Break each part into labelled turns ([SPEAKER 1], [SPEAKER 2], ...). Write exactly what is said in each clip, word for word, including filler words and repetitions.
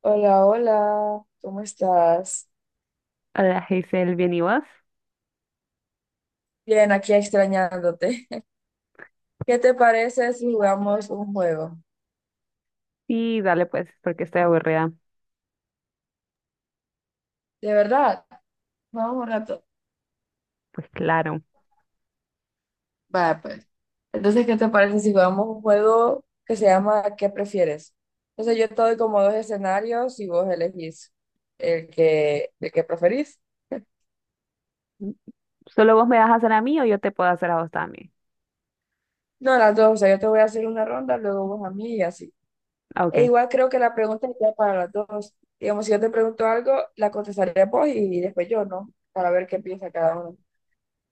[SPEAKER 1] Hola, hola, ¿cómo estás?
[SPEAKER 2] Hola, Hazel, ¿bien y vos?
[SPEAKER 1] Bien, aquí extrañándote. ¿Qué te parece si jugamos un juego?
[SPEAKER 2] Sí, dale pues, porque estoy aburrida.
[SPEAKER 1] De verdad, vamos un rato.
[SPEAKER 2] Pues claro.
[SPEAKER 1] Va, pues. Entonces, ¿qué te parece si jugamos un juego que se llama ¿Qué prefieres? Entonces, yo te doy como dos escenarios y vos elegís el que, el que preferís.
[SPEAKER 2] ¿Solo vos me vas a hacer a mí o yo te puedo hacer a vos también?
[SPEAKER 1] No, las dos, o sea, yo te voy a hacer una ronda, luego vos a mí y así.
[SPEAKER 2] Ah,
[SPEAKER 1] E
[SPEAKER 2] ok.
[SPEAKER 1] igual creo que la pregunta iría para las dos. Digamos, si yo te pregunto algo, la contestaría vos y después yo, ¿no? Para ver qué piensa cada uno.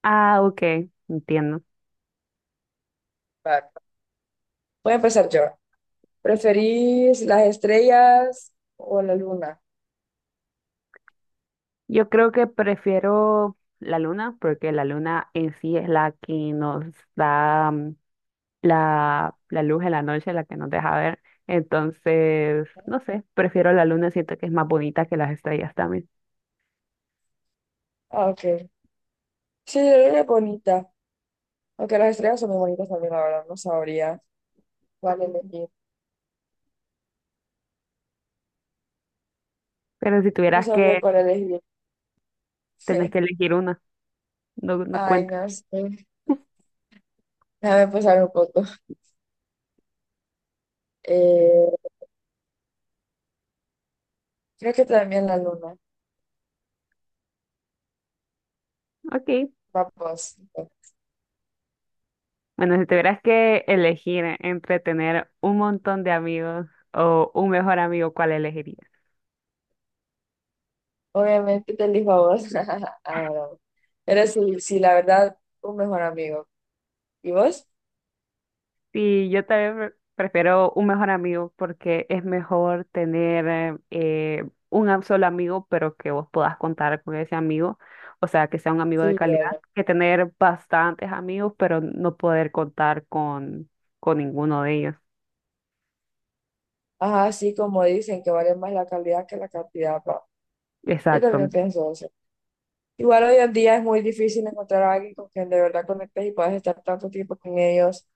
[SPEAKER 2] Ah, ok, entiendo.
[SPEAKER 1] Va, voy a empezar yo. ¿Preferís las estrellas o la luna?
[SPEAKER 2] Yo creo que prefiero la luna, porque la luna en sí es la que nos da mm, la, la luz en la noche, la que nos deja ver. Entonces, no sé, prefiero la luna, siento que es más bonita que las estrellas también.
[SPEAKER 1] Ah, ok. Sí, la luna es bonita. Aunque las estrellas son muy bonitas también, la verdad. No sabría cuál elegir.
[SPEAKER 2] Pero si
[SPEAKER 1] No
[SPEAKER 2] tuvieras
[SPEAKER 1] sabría
[SPEAKER 2] que,
[SPEAKER 1] cuál elegir.
[SPEAKER 2] tenés que elegir una, no, no
[SPEAKER 1] Ay,
[SPEAKER 2] cuenta.
[SPEAKER 1] no sé. Déjame pensar un poco. Eh, creo que también la luna.
[SPEAKER 2] Ok,
[SPEAKER 1] Vamos.
[SPEAKER 2] bueno, si tuvieras que elegir entre tener un montón de amigos o un mejor amigo, ¿cuál elegirías?
[SPEAKER 1] Obviamente te elijo a vos. Ah, bravo. Pero sí, sí, la verdad, un mejor amigo. ¿Y vos?
[SPEAKER 2] Sí, yo también pre- prefiero un mejor amigo porque es mejor tener eh, un am- solo amigo, pero que vos puedas contar con ese amigo, o sea, que sea un amigo de
[SPEAKER 1] Sí,
[SPEAKER 2] calidad,
[SPEAKER 1] bueno.
[SPEAKER 2] que tener bastantes amigos, pero no poder contar con, con ninguno de ellos.
[SPEAKER 1] Ajá, sí, como dicen, que vale más la calidad que la cantidad, pa. Yo
[SPEAKER 2] Exacto.
[SPEAKER 1] también pienso eso. Igual hoy en día es muy difícil encontrar a alguien con quien de verdad conectes y puedas estar tanto tiempo con ellos,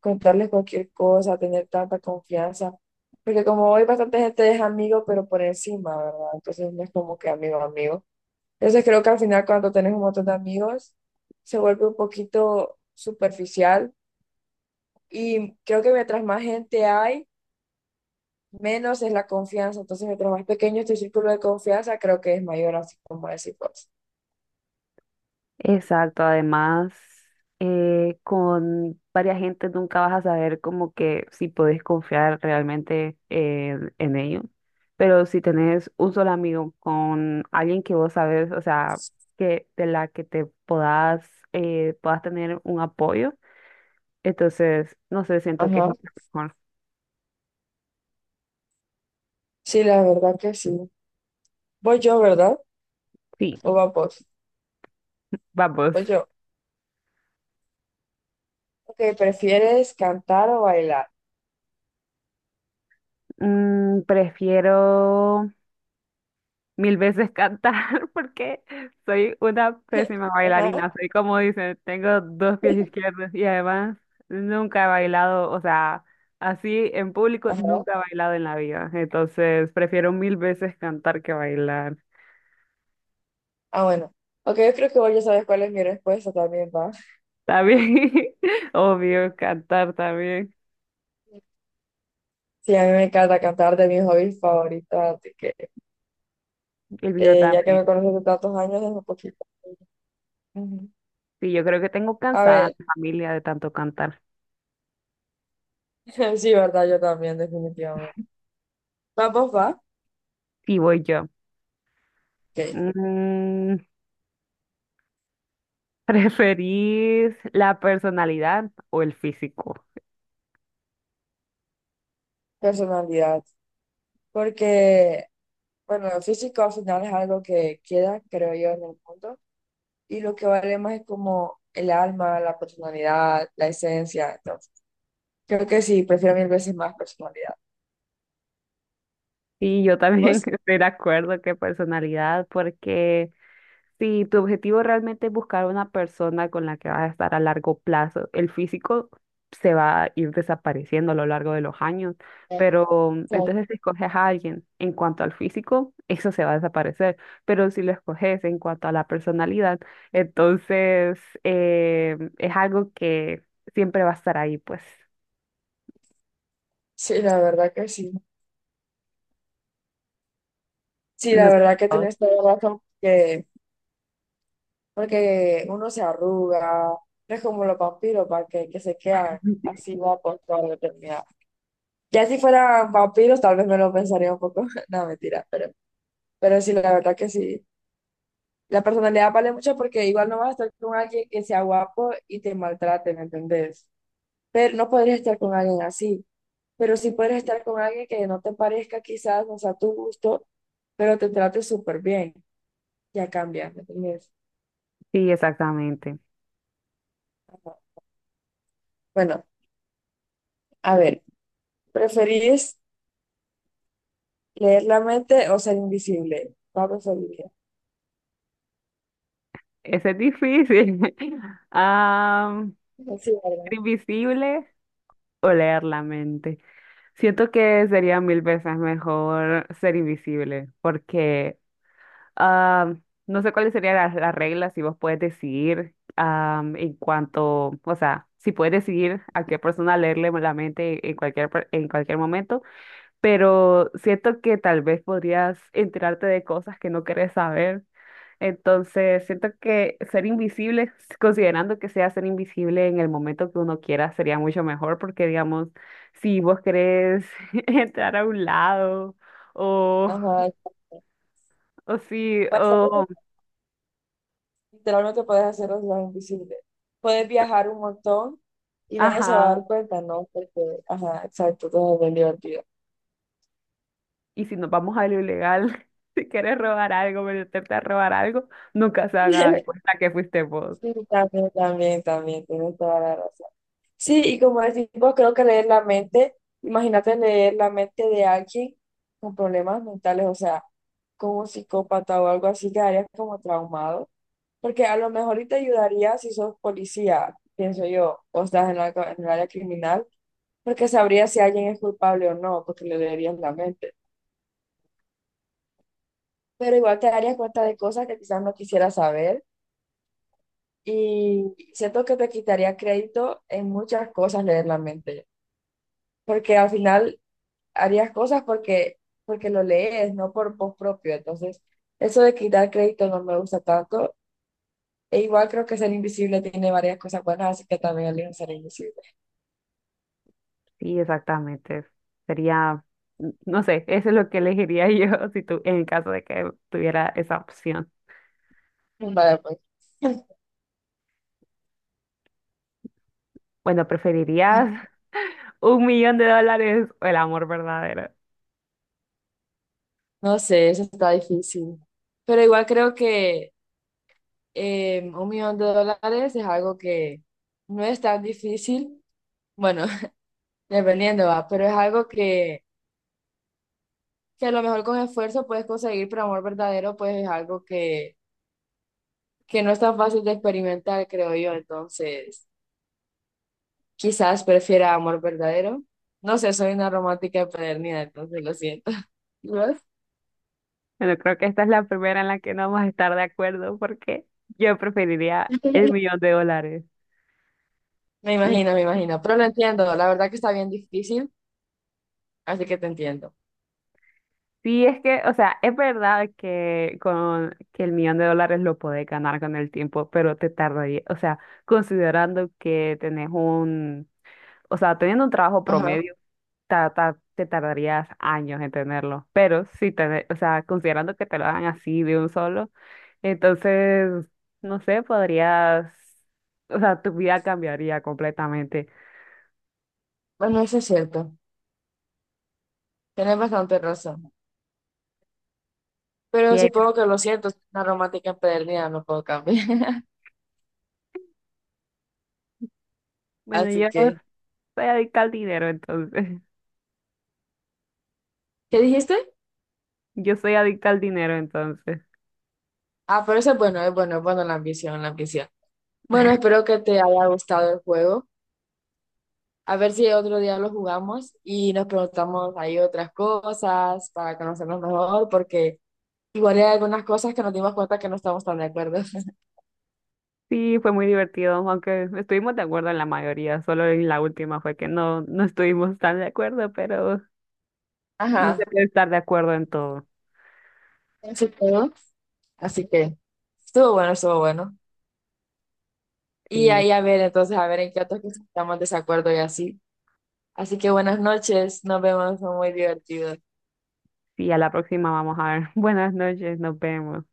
[SPEAKER 1] contarles cualquier cosa, tener tanta confianza. Porque como hoy bastante gente es amigo, pero por encima, ¿verdad? Entonces no es como que amigo, amigo. Entonces creo que al final cuando tenés un montón de amigos se vuelve un poquito superficial y creo que mientras más gente hay, menos es la confianza. Entonces mientras más pequeño es tu círculo de confianza, creo que es mayor, así como decís vos.
[SPEAKER 2] Exacto, además, eh, con varias gentes nunca vas a saber como que si podés confiar realmente en, en ellos, pero si tenés un solo amigo con alguien que vos sabes, o sea, que de la que te puedas, eh, puedas tener un apoyo. Entonces, no sé, siento que es
[SPEAKER 1] Ajá.
[SPEAKER 2] mucho mejor.
[SPEAKER 1] Sí, la verdad que sí. Voy yo, ¿verdad?
[SPEAKER 2] Sí,
[SPEAKER 1] ¿O va vos?
[SPEAKER 2] vamos.
[SPEAKER 1] Voy yo. Ok, ¿prefieres cantar o bailar?
[SPEAKER 2] Mm, prefiero mil veces cantar porque soy una pésima
[SPEAKER 1] Ajá,
[SPEAKER 2] bailarina. Soy como dicen, tengo dos pies izquierdos y además nunca he bailado, o sea, así en público
[SPEAKER 1] ajá.
[SPEAKER 2] nunca he bailado en la vida. Entonces prefiero mil veces cantar que bailar.
[SPEAKER 1] Ah, bueno. Ok, yo creo que vos ya sabes cuál es mi respuesta también, va.
[SPEAKER 2] También, obvio, cantar también.
[SPEAKER 1] Sí, a mí me encanta cantar de mis hobbies favoritos, así que...
[SPEAKER 2] El video
[SPEAKER 1] eh, ya que
[SPEAKER 2] también.
[SPEAKER 1] me conoces de tantos años, es un poquito. Ujú.
[SPEAKER 2] Sí, yo creo que tengo
[SPEAKER 1] A
[SPEAKER 2] cansada a
[SPEAKER 1] ver,
[SPEAKER 2] mi familia de tanto cantar.
[SPEAKER 1] sí, verdad, yo también, definitivamente. Vamos, va.
[SPEAKER 2] Sí, voy yo.
[SPEAKER 1] Ok.
[SPEAKER 2] Mm, ¿preferís la personalidad o el físico?
[SPEAKER 1] Personalidad. Porque, bueno, el físico al final es algo que queda, creo yo, en el mundo. Y lo que vale más es como el alma, la personalidad, la esencia. Entonces, creo que sí, prefiero mil veces más personalidad.
[SPEAKER 2] Y yo también
[SPEAKER 1] ¿Vos?
[SPEAKER 2] estoy de acuerdo que personalidad, porque si tu objetivo realmente es buscar una persona con la que vas a estar a largo plazo, el físico se va a ir desapareciendo a lo largo de los años, pero entonces si escoges a alguien en cuanto al físico, eso se va a desaparecer, pero si lo escoges en cuanto a la personalidad, entonces eh, es algo que siempre va a estar ahí, pues.
[SPEAKER 1] Sí, la verdad que sí. Sí,
[SPEAKER 2] No
[SPEAKER 1] la
[SPEAKER 2] te...
[SPEAKER 1] verdad que tienes toda la razón. Que porque uno se arruga, no es como los vampiros para que, que se quedan así guapos toda la eternidad. Ya si fueran vampiros, tal vez me lo pensaría un poco, no, mentira, pero, pero sí, la verdad que sí. La personalidad vale mucho porque igual no vas a estar con alguien que sea guapo y te maltrate, ¿me entendés? Pero no podrías estar con alguien así, pero sí podrías estar con alguien que no te parezca quizás, no sea tu gusto, pero te trate súper bien. Ya cambia, ¿me entendés?
[SPEAKER 2] Sí, exactamente.
[SPEAKER 1] Ajá. Bueno, a ver, ¿preferís leer la mente o ser invisible? Pablo Solía.
[SPEAKER 2] Ese es difícil. Ah,
[SPEAKER 1] Sí,
[SPEAKER 2] ser
[SPEAKER 1] ¿verdad?
[SPEAKER 2] invisible o leer la mente. Siento que sería mil veces mejor ser invisible porque ah, no sé cuáles serían las, las reglas si vos puedes decidir ah, en cuanto, o sea, si puedes decidir a qué persona leerle la mente en cualquier, per- en cualquier momento, pero siento que tal vez podrías enterarte de cosas que no querés saber. Entonces, siento que ser invisible, considerando que sea ser invisible en el momento que uno quiera, sería mucho mejor porque, digamos, si vos querés entrar a un lado o,
[SPEAKER 1] Ajá, exacto.
[SPEAKER 2] o si,
[SPEAKER 1] Pasa lo
[SPEAKER 2] o,
[SPEAKER 1] que literalmente puedes hacer los dos invisibles. Puedes viajar un montón y nadie se va a
[SPEAKER 2] ajá,
[SPEAKER 1] dar cuenta, ¿no? Porque, ajá, exacto, todo es bien divertido.
[SPEAKER 2] y si nos vamos a lo ilegal, si quieres robar algo, meterte a robar algo, nunca se haga cuenta que fuiste vos.
[SPEAKER 1] Sí, también, también, también, tienes toda la razón. Sí, y como decimos, creo que leer la mente, imagínate leer la mente de alguien con problemas mentales, o sea, como un psicópata o algo así, quedarías como traumado. Porque a lo mejor y te ayudaría si sos policía, pienso yo, o estás en la, en el área criminal, porque sabrías si alguien es culpable o no, porque le leerías la mente. Pero igual te darías cuenta de cosas que quizás no quisieras saber y siento que te quitaría crédito en muchas cosas leer la mente, porque al final harías cosas porque, porque lo lees, no por vos propio. Entonces, eso de quitar crédito no me gusta tanto. E igual creo que ser invisible tiene varias cosas buenas, así que también elijo ser invisible.
[SPEAKER 2] Sí, exactamente. Sería, no sé, eso es lo que elegiría yo si tú, en caso de que tuviera esa opción.
[SPEAKER 1] Vale, pues.
[SPEAKER 2] Bueno, ¿preferirías un millón de dólares o el amor verdadero?
[SPEAKER 1] No sé, eso está difícil. Pero igual creo que eh, un millón de dólares es algo que no es tan difícil. Bueno, dependiendo, va, pero es algo que, que a lo mejor con esfuerzo puedes conseguir, pero amor verdadero, pues es algo que, que no es tan fácil de experimentar, creo yo. Entonces, quizás prefiera amor verdadero. No sé, soy una romántica empedernida, entonces lo siento. ¿Y vos?
[SPEAKER 2] Bueno, creo que esta es la primera en la que no vamos a estar de acuerdo, porque yo preferiría el millón de dólares.
[SPEAKER 1] Me
[SPEAKER 2] Mm,
[SPEAKER 1] imagino, me imagino, pero lo entiendo. La verdad que está bien difícil, así que te entiendo.
[SPEAKER 2] sí, es que, o sea, es verdad que con que el millón de dólares lo podés ganar con el tiempo, pero te tardaría, o sea, considerando que tenés un, o sea, teniendo un trabajo
[SPEAKER 1] Ajá.
[SPEAKER 2] promedio, ta- ta- te tardarías años en tenerlo. Pero si te, o sea, considerando que te lo hagan así de un solo. Entonces, no sé, podrías, o sea, tu vida cambiaría completamente.
[SPEAKER 1] Bueno, eso es cierto. Tienes bastante razón.
[SPEAKER 2] Y
[SPEAKER 1] Pero
[SPEAKER 2] ahí,
[SPEAKER 1] supongo que lo siento, es una romántica empedernida, no puedo cambiar.
[SPEAKER 2] bueno,
[SPEAKER 1] Así
[SPEAKER 2] yo no
[SPEAKER 1] que,
[SPEAKER 2] soy adicta al dinero, entonces,
[SPEAKER 1] ¿qué dijiste?
[SPEAKER 2] yo soy adicta al dinero, entonces.
[SPEAKER 1] Ah, pero eso es bueno, es bueno, es bueno la ambición, la ambición. Bueno, espero que te haya gustado el juego. A ver si otro día lo jugamos y nos preguntamos ahí otras cosas para conocernos mejor, porque igual hay algunas cosas que nos dimos cuenta que no estamos tan de acuerdo.
[SPEAKER 2] Sí, fue muy divertido, aunque estuvimos de acuerdo en la mayoría, solo en la última fue que no, no estuvimos tan de acuerdo, pero no se
[SPEAKER 1] Ajá,
[SPEAKER 2] puede estar de acuerdo en todo.
[SPEAKER 1] eso es todo. Así que, estuvo bueno, estuvo bueno. Y
[SPEAKER 2] Y
[SPEAKER 1] ahí a ver, entonces, a ver en qué otros que estamos de desacuerdo y así. Así que buenas noches, nos vemos, fue muy divertido.
[SPEAKER 2] sí, a la próxima vamos a ver. Buenas noches, nos vemos.